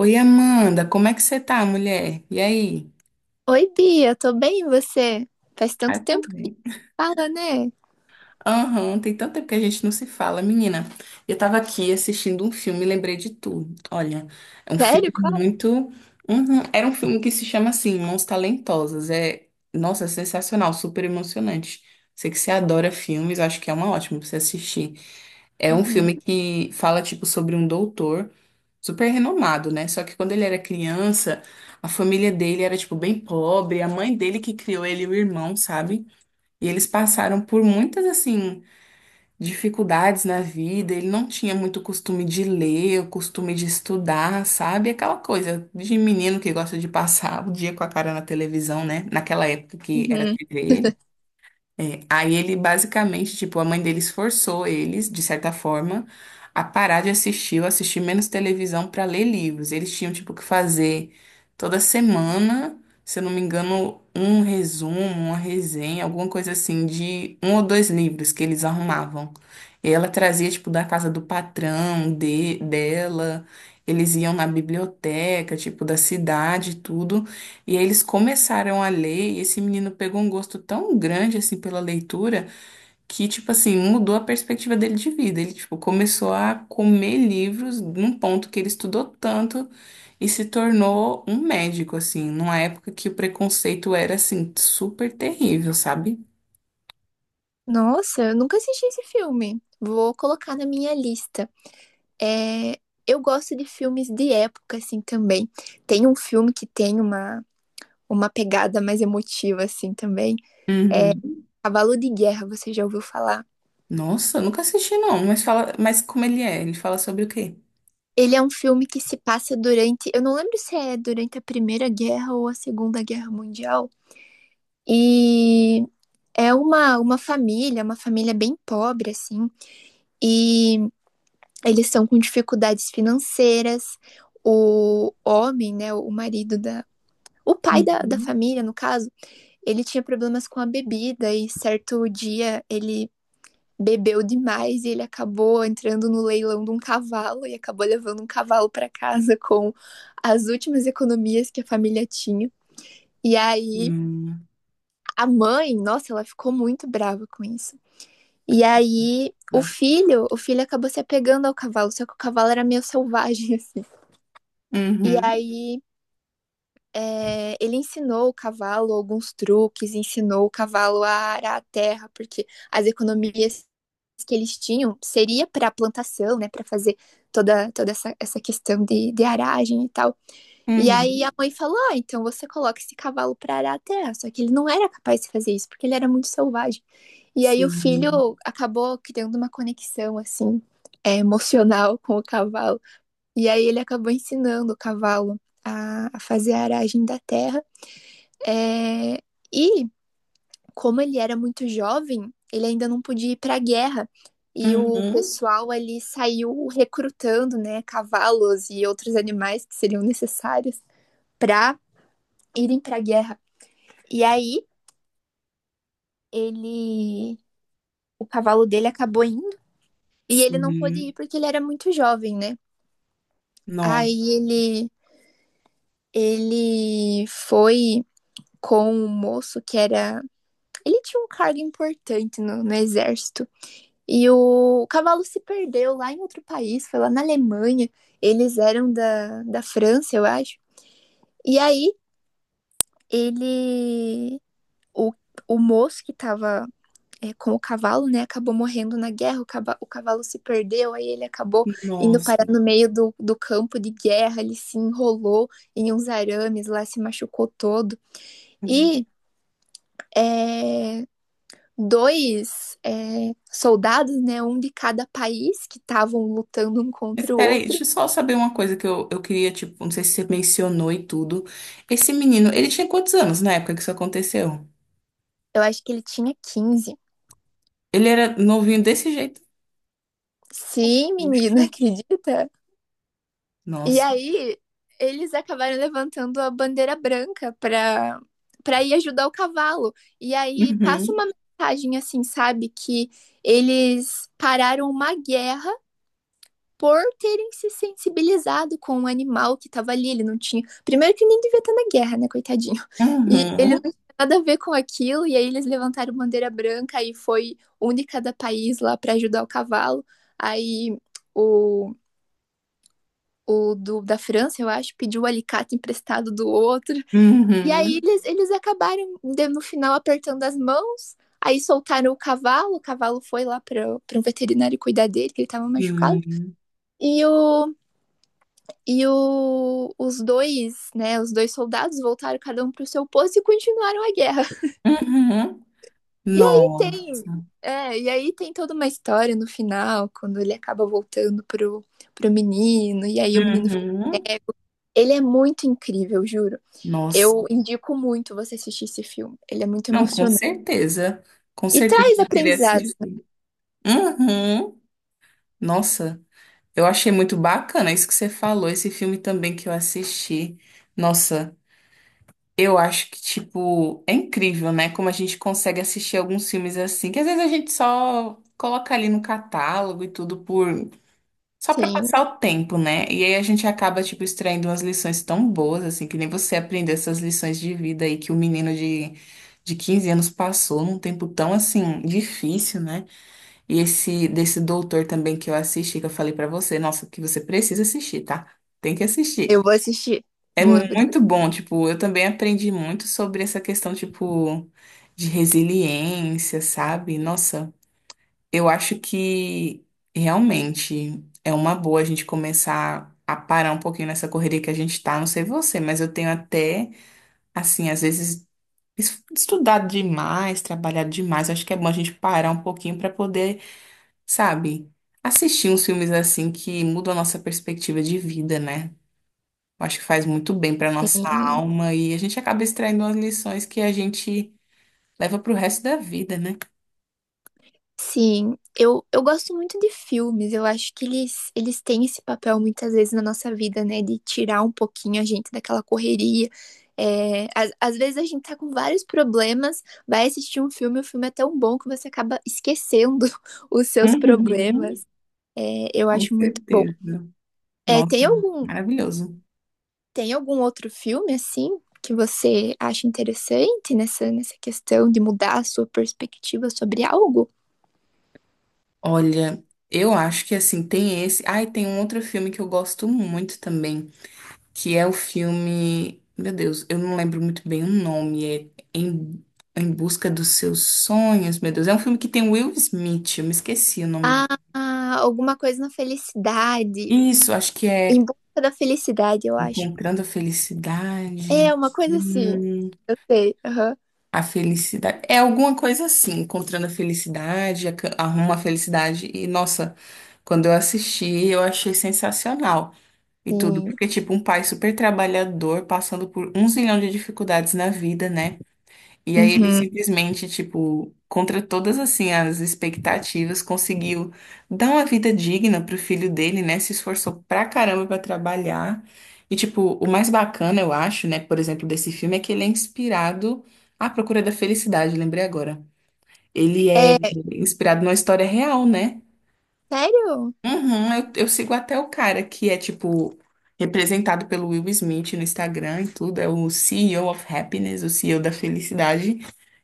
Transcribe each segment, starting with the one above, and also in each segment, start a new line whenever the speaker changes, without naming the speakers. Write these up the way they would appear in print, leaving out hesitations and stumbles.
Oi, Amanda, como é que você tá, mulher? E aí?
Oi, Bia, tô bem, e você? Faz
Ah,
tanto
eu tô
tempo que a
bem.
gente fala, né?
Aham, tem tanto tempo que a gente não se fala, menina. Eu tava aqui assistindo um filme e lembrei de tudo. Olha, é um filme
Sério? Qual?
muito. Uhum. Era um filme que se chama assim, Mãos Talentosas. É, nossa, é sensacional, super emocionante. Sei que você adora filmes, acho que é uma ótima pra você assistir. É um
Uhum,
filme que fala, tipo, sobre um doutor super renomado, né? Só que quando ele era criança, a família dele era, tipo, bem pobre, a mãe dele que criou ele e o irmão, sabe? E eles passaram por muitas, assim, dificuldades na vida. Ele não tinha muito costume de ler, o costume de estudar, sabe? Aquela coisa de menino que gosta de passar o dia com a cara na televisão, né? Naquela época que era
uhum.
TV. É, aí ele basicamente, tipo, a mãe deles forçou eles, de certa forma, a parar de assistir, ou assistir menos televisão para ler livros. Eles tinham, tipo, que fazer toda semana, se eu não me engano, um resumo, uma resenha, alguma coisa assim, de um ou dois livros que eles arrumavam. E ela trazia, tipo, da casa do patrão, de, dela, eles iam na biblioteca, tipo, da cidade, e tudo. E aí eles começaram a ler, e esse menino pegou um gosto tão grande assim pela leitura que, tipo assim, mudou a perspectiva dele de vida. Ele, tipo, começou a comer livros num ponto que ele estudou tanto e se tornou um médico, assim, numa época que o preconceito era, assim, super terrível, sabe?
Nossa, eu nunca assisti esse filme. Vou colocar na minha lista. É, eu gosto de filmes de época, assim, também. Tem um filme que tem uma pegada mais emotiva, assim, também.
Uhum.
Cavalo de Guerra, você já ouviu falar?
Nossa, eu nunca assisti não, mas fala, mas como ele é? Ele fala sobre o quê?
Ele é um filme que se passa durante. Eu não lembro se é durante a Primeira Guerra ou a Segunda Guerra Mundial. E é uma família bem pobre, assim, e eles estão com dificuldades financeiras. O homem, né, o marido da. O pai da
Uhum.
família, no caso, ele tinha problemas com a bebida e certo dia ele bebeu demais e ele acabou entrando no leilão de um cavalo e acabou levando um cavalo para casa com as últimas economias que a família tinha. E aí
Hum,
a mãe, nossa, ela ficou muito brava com isso. E aí, o
tá.
filho, o filho acabou se apegando ao cavalo, só que o cavalo era meio selvagem, assim. E
Uhum,
aí, ele ensinou o cavalo alguns truques, ensinou o cavalo a arar a terra, porque as economias que eles tinham seria para plantação, né, para fazer toda essa questão de aragem e tal. E aí a
uhum,
mãe falou: ah, então você coloca esse cavalo para arar a terra. Só que ele não era capaz de fazer isso, porque ele era muito selvagem. E aí o
sim,
filho acabou criando uma conexão, assim, emocional com o cavalo. E aí ele acabou ensinando o cavalo a fazer a aragem da terra. É, e como ele era muito jovem, ele ainda não podia ir para a guerra. E o
uhum,
pessoal ali saiu recrutando, né, cavalos e outros animais que seriam necessários para irem pra guerra. E aí, ele. O cavalo dele acabou indo e ele não pôde
sim.
ir porque ele era muito jovem, né?
No-
Aí ele. Ele foi com um moço que era. Ele tinha um cargo importante no exército. E o cavalo se perdeu lá em outro país, foi lá na Alemanha. Eles eram da França, eu acho. E aí ele. O, o moço que tava com o cavalo, né? Acabou morrendo na guerra, o cavalo se perdeu, aí ele acabou indo parar
Nossa.
no meio do campo de guerra, ele se enrolou em uns arames, lá se machucou todo.
Hum.
E é, dois soldados, né? Um de cada país que estavam lutando um
Mas
contra o
peraí,
outro.
deixa eu só saber uma coisa que eu queria, tipo, não sei se você mencionou e tudo. Esse menino, ele tinha quantos anos na época que isso aconteceu?
Eu acho que ele tinha 15.
Ele era novinho desse jeito?
Sim,
Puxa.
menina, acredita? E
Nossa.
aí, eles acabaram levantando a bandeira branca para ir ajudar o cavalo. E aí passa uma
Uhum.
mensagem assim, sabe, que eles pararam uma guerra por terem se sensibilizado com o animal que estava ali, ele não tinha. Primeiro que nem devia estar na guerra, né, coitadinho. E ele não
Uhum.
tinha nada a ver com aquilo, e aí eles levantaram bandeira branca e foi única da país lá para ajudar o cavalo. Aí o da França, eu acho, pediu o alicate emprestado do outro. E aí
Uhum.
eles acabaram, no final, apertando as mãos. Aí soltaram o cavalo foi lá para um veterinário cuidar dele, que ele estava machucado.
Sim.
E, o, os dois soldados voltaram cada um para o seu posto e continuaram a guerra.
Uhum.
E aí tem,
Nossa.
e aí tem toda uma história no final, quando ele acaba voltando pro menino, e aí o menino fica
Uhum.
cego. Ele é muito incrível, juro.
Nossa.
Eu indico muito você assistir esse filme. Ele é muito
Não, com
emocionante.
certeza. Com
E
certeza
traz
eu queria
aprendizados.
assistir.
né?
Uhum. Nossa. Eu achei muito bacana isso que você falou, esse filme também que eu assisti. Nossa, eu acho que, tipo, é incrível, né? Como a gente consegue assistir alguns filmes assim, que às vezes a gente só coloca ali no catálogo e tudo por. Só pra
Sim,
passar o tempo, né? E aí a gente acaba, tipo, extraindo umas lições tão boas, assim, que nem você aprendeu essas lições de vida aí que o menino de 15 anos passou num tempo tão, assim, difícil, né? E esse desse doutor também que eu assisti, que eu falei pra você, nossa, que você precisa assistir, tá? Tem que assistir.
eu vou assistir.
É
Vou,
muito bom, tipo, eu também aprendi muito sobre essa questão, tipo, de resiliência, sabe? Nossa, eu acho que realmente é uma boa a gente começar a parar um pouquinho nessa correria que a gente tá, não sei você, mas eu tenho até, assim, às vezes estudado demais, trabalhado demais, acho que é bom a gente parar um pouquinho pra poder, sabe, assistir uns filmes assim que mudam a nossa perspectiva de vida, né? Eu acho que faz muito bem pra nossa
sim.
alma e a gente acaba extraindo umas lições que a gente leva pro resto da vida, né?
Sim, eu gosto muito de filmes. Eu acho que eles têm esse papel muitas vezes na nossa vida, né? De tirar um pouquinho a gente daquela correria. É, às vezes a gente tá com vários problemas, vai assistir um filme, o filme é tão bom que você acaba esquecendo os seus
Uhum,
problemas. É, eu
com
acho muito bom.
certeza.
É, tem
Nossa,
algum,
maravilhoso.
tem algum outro filme, assim, que você acha interessante nessa questão de mudar a sua perspectiva sobre algo?
Olha, eu acho que assim, tem esse. Ai, tem um outro filme que eu gosto muito também. Que é o filme. Meu Deus, eu não lembro muito bem o nome. É Em, em Busca dos Seus Sonhos, meu Deus. É um filme que tem Will Smith, eu me esqueci o nome
Ah,
dele.
alguma coisa na felicidade.
Isso, acho que
Em
é
busca da felicidade, eu acho.
Encontrando a Felicidade.
É, uma coisa assim.
Hum,
Eu sei. Aham.
a felicidade. É alguma coisa assim, Encontrando a Felicidade, Arruma a Felicidade. E, nossa, quando eu assisti, eu achei sensacional. E tudo,
Sim.
porque, tipo, um pai super trabalhador, passando por um zilhão de dificuldades na vida, né? E aí ele
Uhum.
simplesmente, tipo, contra todas assim as expectativas, conseguiu dar uma vida digna pro filho dele, né? Se esforçou pra caramba pra trabalhar. E tipo, o mais bacana, eu acho, né, por exemplo, desse filme é que ele é inspirado à Procura da Felicidade, lembrei agora. Ele é
É,
inspirado numa história real, né?
sério?
Uhum, eu sigo até o cara que é, tipo, representado pelo Will Smith no Instagram e tudo, é o CEO of Happiness, o CEO da Felicidade.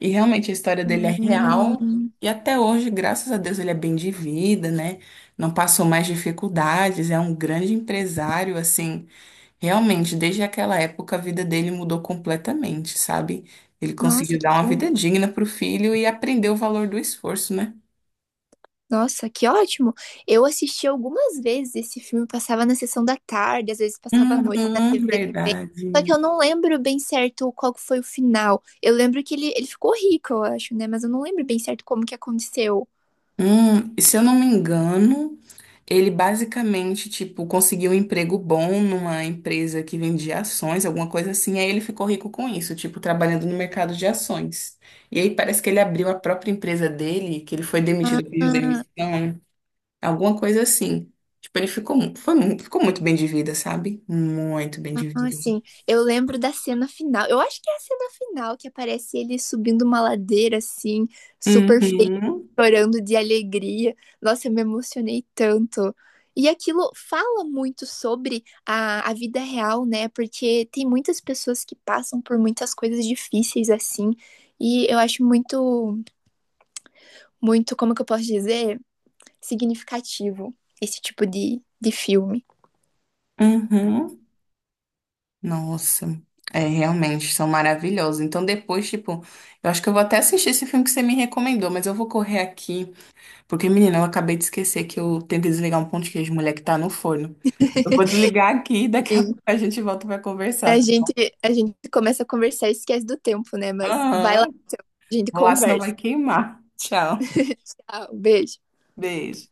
E realmente a história dele é real.
Hum,
E até hoje, graças a Deus, ele é bem de vida, né? Não passou mais dificuldades, é um grande empresário, assim. Realmente, desde aquela época, a vida dele mudou completamente, sabe? Ele
nossa,
conseguiu
que
dar uma
bom.
vida digna pro filho e aprendeu o valor do esforço, né?
Nossa, que ótimo. Eu assisti algumas vezes esse filme, passava na sessão da tarde, às vezes passava à noite na
Uhum,
TV também. Só que
verdade.
eu não lembro bem certo qual que foi o final. Eu lembro que ele ficou rico, eu acho, né? Mas eu não lembro bem certo como que aconteceu.
E se eu não me engano, ele basicamente, tipo, conseguiu um emprego bom numa empresa que vendia ações, alguma coisa assim, aí ele ficou rico com isso, tipo, trabalhando no mercado de ações. E aí parece que ele abriu a própria empresa dele, que ele foi demitido, pediu
Ah,
demissão, alguma coisa assim. Tipo, ele ficou, foi, ficou muito bem de vida, sabe? Muito bem de
Ah,
vida.
sim. Eu lembro da cena final. Eu acho que é a cena final que aparece ele subindo uma ladeira assim, super feliz,
Uhum,
chorando de alegria. Nossa, eu me emocionei tanto. E aquilo fala muito sobre a vida real, né? Porque tem muitas pessoas que passam por muitas coisas difíceis assim. E eu acho muito, muito, como que eu posso dizer? Significativo esse tipo de filme.
uhum. Nossa, é realmente são maravilhosos. Então depois, tipo, eu acho que eu vou até assistir esse filme que você me recomendou, mas eu vou correr aqui, porque menina, eu acabei de esquecer que eu tenho que desligar um pão de queijo, mulher, que tá no forno. Eu vou desligar aqui, daqui a pouco a gente volta pra
A
conversar, tá bom?
gente, a gente começa a conversar e esquece do tempo, né? Mas vai lá,
Aham.
então, a gente
Vou lá, senão
conversa.
vai queimar. Tchau.
Tchau, beijo.
Beijo.